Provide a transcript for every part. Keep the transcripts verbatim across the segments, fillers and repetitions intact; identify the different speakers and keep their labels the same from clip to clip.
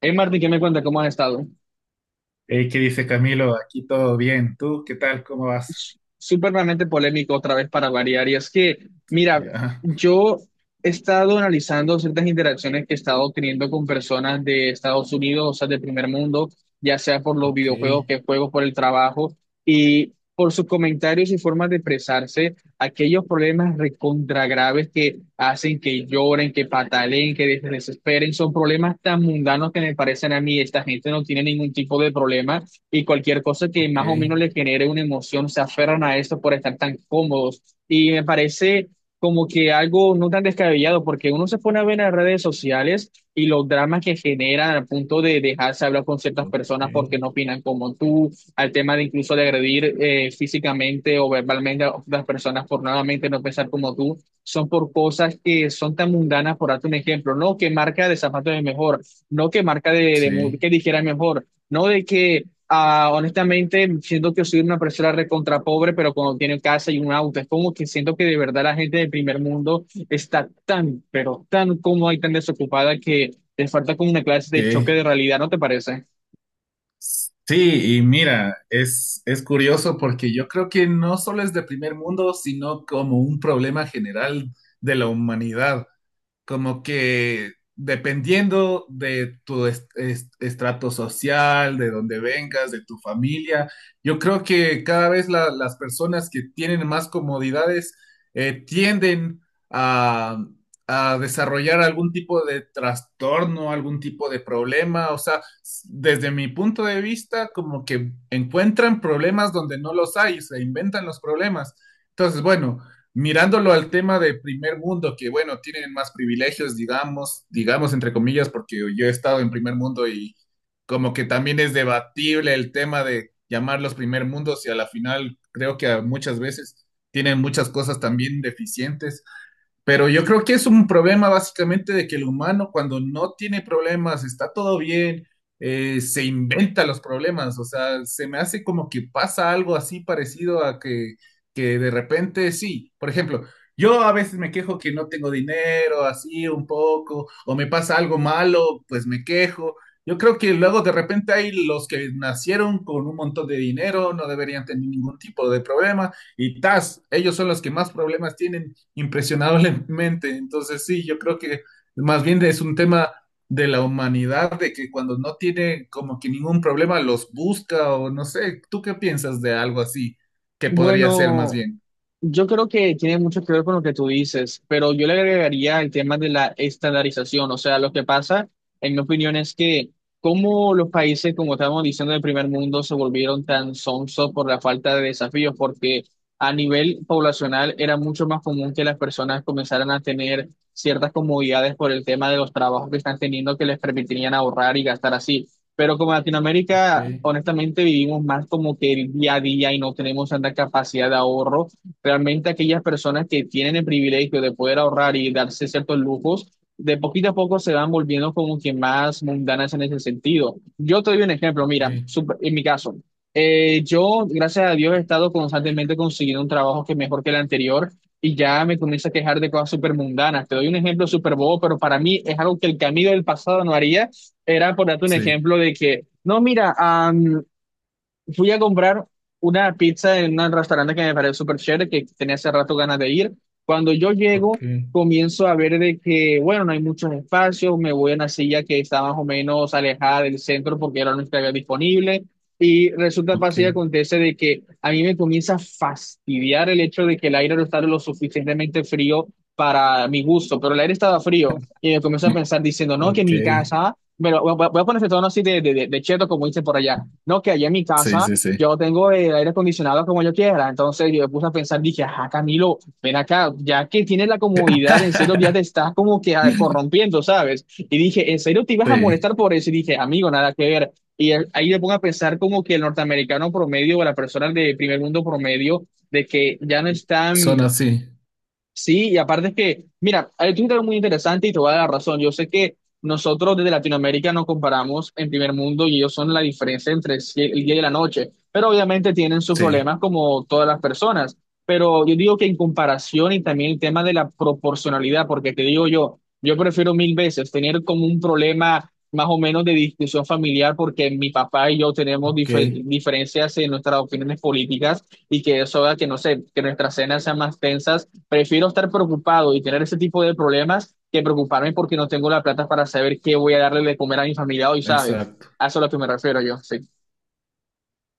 Speaker 1: Hey Martín, ¿qué me cuenta? ¿Cómo has estado?
Speaker 2: Hey, ¿qué dice Camilo? Aquí todo bien. ¿Tú qué tal? ¿Cómo vas?
Speaker 1: S- Súpermente polémico otra vez para variar. Y es que, mira,
Speaker 2: Ya,
Speaker 1: yo he estado analizando ciertas interacciones que he estado teniendo con personas de Estados Unidos, o sea, de primer mundo, ya sea por los
Speaker 2: ok,
Speaker 1: videojuegos que juego, por el trabajo, y por sus comentarios y formas de expresarse, aquellos problemas recontra graves que hacen que lloren, que pataleen, que des- desesperen, son problemas tan mundanos que me parecen a mí, esta gente no tiene ningún tipo de problema y cualquier cosa que
Speaker 2: ok,
Speaker 1: más o menos les genere una emoción, se aferran a esto por estar tan cómodos. Y me parece como que algo no tan descabellado, porque uno se pone a ver en las redes sociales y los dramas que generan al punto de dejarse hablar con ciertas
Speaker 2: ok.
Speaker 1: personas porque no opinan como tú, al tema de incluso de agredir eh, físicamente o verbalmente a otras personas por nuevamente no pensar como tú, son por cosas que son tan mundanas, por darte un ejemplo, no que marca de zapatos es mejor, no que marca de, de mu-
Speaker 2: Sí,
Speaker 1: que dijera es mejor, no de que Ah, honestamente, siento que soy una persona recontra pobre, pero cuando tiene casa y un auto, es como que siento que de verdad la gente del primer mundo está tan, pero tan cómoda y tan desocupada que les falta como una clase de choque
Speaker 2: ok.
Speaker 1: de realidad, ¿no te parece?
Speaker 2: Sí, y mira, es, es curioso porque yo creo que no solo es de primer mundo, sino como un problema general de la humanidad. Como que dependiendo de tu est- est- estrato social, de dónde vengas, de tu familia, yo creo que cada vez la- las personas que tienen más comodidades eh, tienden a, a desarrollar algún tipo de trastorno, algún tipo de problema, o sea, s- desde mi punto de vista, como que encuentran problemas donde no los hay, se inventan los problemas. Entonces, bueno, mirándolo al tema de primer mundo, que bueno, tienen más privilegios, digamos, digamos entre comillas, porque yo he estado en primer mundo y como que también es debatible el tema de llamarlos primer mundos, y a la final creo que a muchas veces tienen muchas cosas también deficientes, pero yo creo que es un problema básicamente de que el humano cuando no tiene problemas, está todo bien, eh, se inventa los problemas. O sea, se me hace como que pasa algo así parecido a que, que de repente sí. Por ejemplo, yo a veces me quejo que no tengo dinero, así un poco, o me pasa algo malo, pues me quejo. Yo creo que luego de repente hay los que nacieron con un montón de dinero, no deberían tener ningún tipo de problema, y tas, ellos son los que más problemas tienen impresionablemente. Entonces, sí, yo creo que más bien es un tema de la humanidad, de que cuando no tiene como que ningún problema los busca, o no sé, ¿tú qué piensas de algo así que podría ser más
Speaker 1: Bueno.
Speaker 2: bien?
Speaker 1: Yo creo que tiene mucho que ver con lo que tú dices, pero yo le agregaría el tema de la estandarización. O sea, lo que pasa, en mi opinión, es que como los países, como estábamos diciendo, del primer mundo se volvieron tan sonsos por la falta de desafíos, porque a nivel poblacional era mucho más común que las personas comenzaran a tener ciertas comodidades por el tema de los trabajos que están teniendo que les permitirían ahorrar y gastar así. Pero como Latinoamérica,
Speaker 2: Okay,
Speaker 1: honestamente, vivimos más como que el día a día y no tenemos tanta capacidad de ahorro. Realmente aquellas personas que tienen el privilegio de poder ahorrar y darse ciertos lujos, de poquito a poco se van volviendo como que más mundanas en ese sentido. Yo te doy un ejemplo, mira,
Speaker 2: okay.
Speaker 1: sup- en mi caso, eh, yo, gracias a Dios, he estado constantemente consiguiendo un trabajo que es mejor que el anterior y ya me comienzo a quejar de cosas súper mundanas. Te doy un ejemplo súper bobo, pero para mí es algo que el camino del pasado no haría. Era por darte un
Speaker 2: Sí,
Speaker 1: ejemplo de que, no, mira, fui a comprar una pizza en un restaurante que me pareció súper chévere, que tenía hace rato ganas de ir. Cuando yo llego,
Speaker 2: okay,
Speaker 1: comienzo a ver de que, bueno, no hay muchos espacios, me voy a una silla que está más o menos alejada del centro porque era la única que había disponible. Y resulta fácil y
Speaker 2: okay,
Speaker 1: acontece de que a mí me comienza a fastidiar el hecho de que el aire no está lo suficientemente frío para mi gusto, pero el aire estaba frío y me comienzo a pensar diciendo, no, que mi
Speaker 2: okay.
Speaker 1: casa, pero voy a voy a ponerse tono así de, de, de, de cheto, como dicen por allá no, que allá en mi
Speaker 2: Sí,
Speaker 1: casa
Speaker 2: sí, sí.
Speaker 1: yo tengo el aire acondicionado como yo quiera. Entonces yo me puse a pensar, dije, ajá, Camilo, ven acá, ya que tienes la comodidad, en serio ya te estás como que ah, corrompiendo, ¿sabes? Y dije, ¿en serio te ibas a
Speaker 2: Sí,
Speaker 1: molestar por eso? Y dije, amigo, nada que ver. Y el- ahí me pongo a pensar como que el norteamericano promedio o la persona de primer mundo promedio, de que ya no están.
Speaker 2: son así,
Speaker 1: Sí, y aparte es que, mira, hay un algo muy interesante y te voy a dar la razón. Yo sé que nosotros desde Latinoamérica nos comparamos en primer mundo y ellos son la diferencia entre el sie- el día y la noche, pero obviamente tienen sus
Speaker 2: sí,
Speaker 1: problemas como todas las personas. Pero yo digo que en comparación y también el tema de la proporcionalidad, porque te digo yo, yo prefiero mil veces tener como un problema más o menos de discusión familiar porque mi papá y yo tenemos
Speaker 2: ok,
Speaker 1: difer- diferencias en nuestras opiniones políticas y que eso haga que, no sé, que nuestras cenas sean más tensas. Prefiero estar preocupado y tener ese tipo de problemas que preocuparme porque no tengo la plata para saber qué voy a darle de comer a mi familia hoy, ¿sabes?
Speaker 2: exacto.
Speaker 1: A eso es lo que me refiero yo, sí.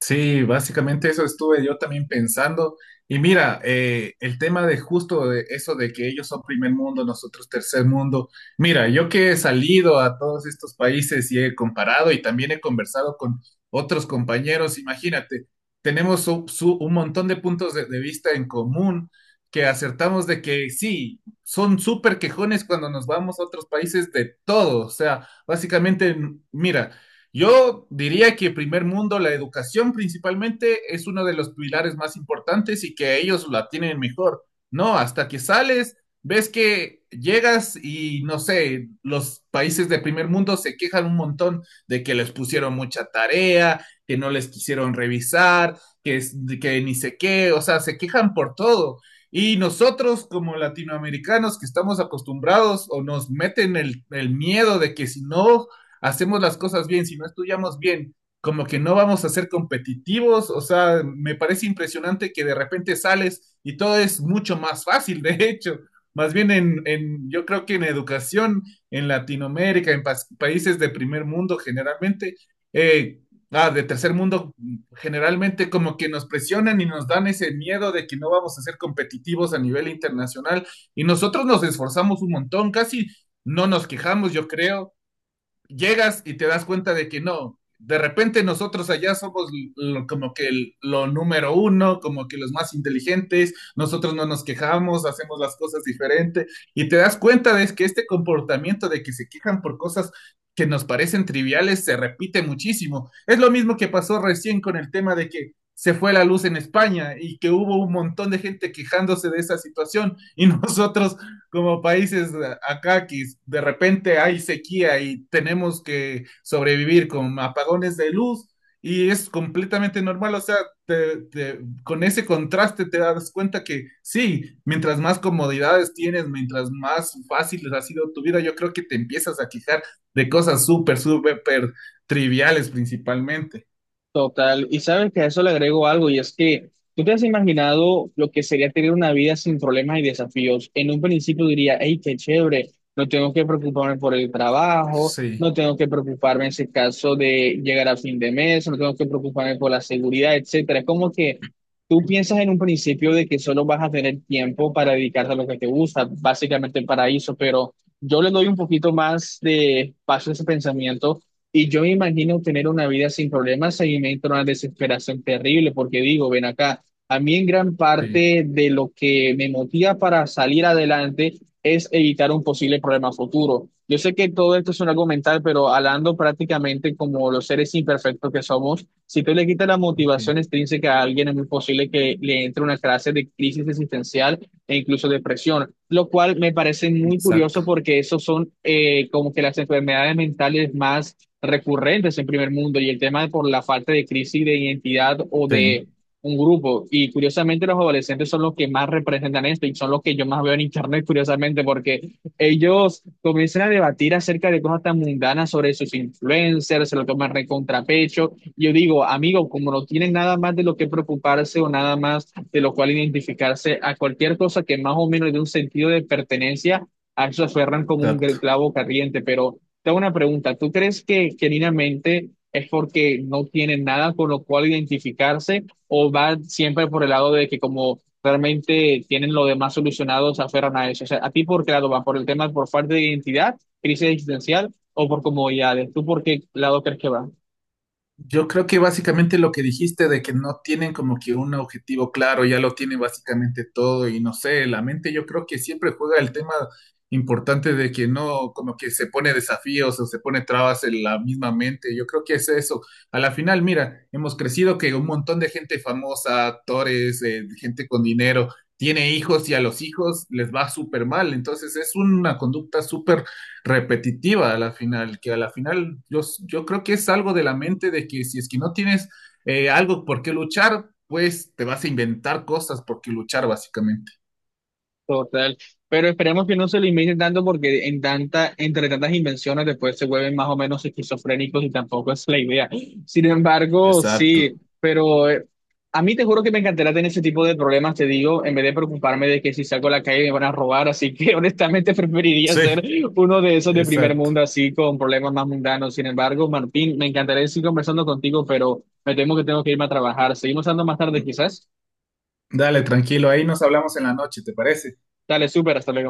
Speaker 2: Sí, básicamente eso estuve yo también pensando. Y mira, eh, el tema de justo de eso de que ellos son primer mundo, nosotros tercer mundo. Mira, yo que he salido a todos estos países y he comparado y también he conversado con otros compañeros, imagínate, tenemos su- su- un montón de puntos de, de vista en común que acertamos de que sí, son súper quejones cuando nos vamos a otros países de todo. O sea, básicamente, mira. Yo diría que primer mundo, la educación principalmente es uno de los pilares más importantes y que ellos la tienen mejor. No, hasta que sales, ves que llegas y no sé, los países de primer mundo se quejan un montón de que les pusieron mucha tarea, que no les quisieron revisar, que, es- que ni sé qué, o sea, se quejan por todo. Y nosotros como latinoamericanos que estamos acostumbrados, o nos meten el, el miedo de que si no hacemos las cosas bien, si no estudiamos bien, como que no vamos a ser competitivos, o sea, me parece impresionante que de repente sales y todo es mucho más fácil, de hecho. Más bien en, en yo creo que en educación, en Latinoamérica, en pa- países de primer mundo generalmente, eh, ah, de tercer mundo, generalmente como que nos presionan y nos dan ese miedo de que no vamos a ser competitivos a nivel internacional. Y nosotros nos esforzamos un montón, casi no nos quejamos, yo creo, llegas y te das cuenta de que no, de repente nosotros allá somos lo, como que el, lo número uno, como que los más inteligentes, nosotros no nos quejamos, hacemos las cosas diferentes, y te das cuenta de que este comportamiento de que se quejan por cosas que nos parecen triviales se repite muchísimo. Es lo mismo que pasó recién con el tema de que se fue la luz en España y que hubo un montón de gente quejándose de esa situación, y nosotros como países acá que de repente hay sequía y tenemos que sobrevivir con apagones de luz y es completamente normal, o sea, te, te- con ese contraste te das cuenta que sí, mientras más comodidades tienes, mientras más fácil ha sido tu vida, yo creo que te empiezas a quejar de cosas súper, súper triviales principalmente.
Speaker 1: Total, y sabes que a eso le agrego algo, y es que tú te has imaginado lo que sería tener una vida sin problemas y desafíos. En un principio diría, hey, qué chévere, no tengo que preocuparme por el trabajo,
Speaker 2: Sí,
Speaker 1: no tengo que preocuparme en ese caso de llegar a fin de mes, no tengo que preocuparme por la seguridad, etcétera. Es como que tú piensas en un principio de que solo vas a tener tiempo para dedicarte a lo que te gusta, básicamente el paraíso, pero yo le doy un poquito más de paso a ese pensamiento y yo me imagino tener una vida sin problemas, ahí me entra una desesperación terrible, porque digo, ven acá, a mí en gran
Speaker 2: sí,
Speaker 1: parte de lo que me motiva para salir adelante es evitar un posible problema futuro. Yo sé que todo esto es un algo mental, pero hablando prácticamente como los seres imperfectos que somos, si tú le quitas la
Speaker 2: ok,
Speaker 1: motivación extrínseca a alguien, es muy posible que le entre una clase de crisis existencial e incluso depresión, lo cual me parece muy curioso
Speaker 2: exacto.
Speaker 1: porque esos son eh, como que las enfermedades mentales más recurrentes en primer mundo y el tema por la falta de crisis de identidad o
Speaker 2: Sí,
Speaker 1: de un grupo. Y curiosamente los adolescentes son los que más representan esto y son los que yo más veo en internet, curiosamente, porque ellos comienzan a debatir acerca de cosas tan mundanas sobre sus influencers, se lo toman re contrapecho. Yo digo, amigo, como no tienen nada más de lo que preocuparse o nada más de lo cual identificarse a cualquier cosa que más o menos de un sentido de pertenencia, a eso se aferran como un
Speaker 2: exacto.
Speaker 1: clavo caliente, pero te hago una pregunta. ¿Tú crees que genuinamente es porque no tienen nada con lo cual identificarse o va siempre por el lado de que como realmente tienen lo demás solucionado, se aferran a eso? O sea, ¿a ti por qué lado va? ¿Por el tema por falta de identidad, crisis existencial o por comodidades? ¿Tú por qué lado crees que va?
Speaker 2: Yo creo que básicamente lo que dijiste de que no tienen como que un objetivo claro, ya lo tienen básicamente todo, y no sé, la mente yo creo que siempre juega el tema importante de que no, como que se pone desafíos o se pone trabas en la misma mente, yo creo que es eso. A la final, mira, hemos crecido que un montón de gente famosa, actores, eh, gente con dinero, tiene hijos y a los hijos les va súper mal, entonces es una conducta súper repetitiva a la final, que a la final yo, yo creo que es algo de la mente de que si es que no tienes eh, algo por qué luchar, pues te vas a inventar cosas por qué luchar básicamente.
Speaker 1: Total, pero esperemos que no se limiten tanto porque en tanta, entre tantas invenciones después se vuelven más o menos esquizofrénicos y tampoco es la idea. Sin embargo, sí,
Speaker 2: Exacto.
Speaker 1: pero eh, a mí te juro que me encantaría tener ese tipo de problemas, te digo, en vez de preocuparme de que si salgo a la calle me van a robar, así que honestamente preferiría ser
Speaker 2: Sí,
Speaker 1: uno de esos de primer
Speaker 2: exacto.
Speaker 1: mundo así con problemas más mundanos. Sin embargo, Martín, me encantaría seguir conversando contigo, pero me temo que tengo que irme a trabajar. Seguimos hablando más tarde quizás.
Speaker 2: Dale, tranquilo, ahí nos hablamos en la noche, ¿te parece?
Speaker 1: Dale, súper, hasta luego.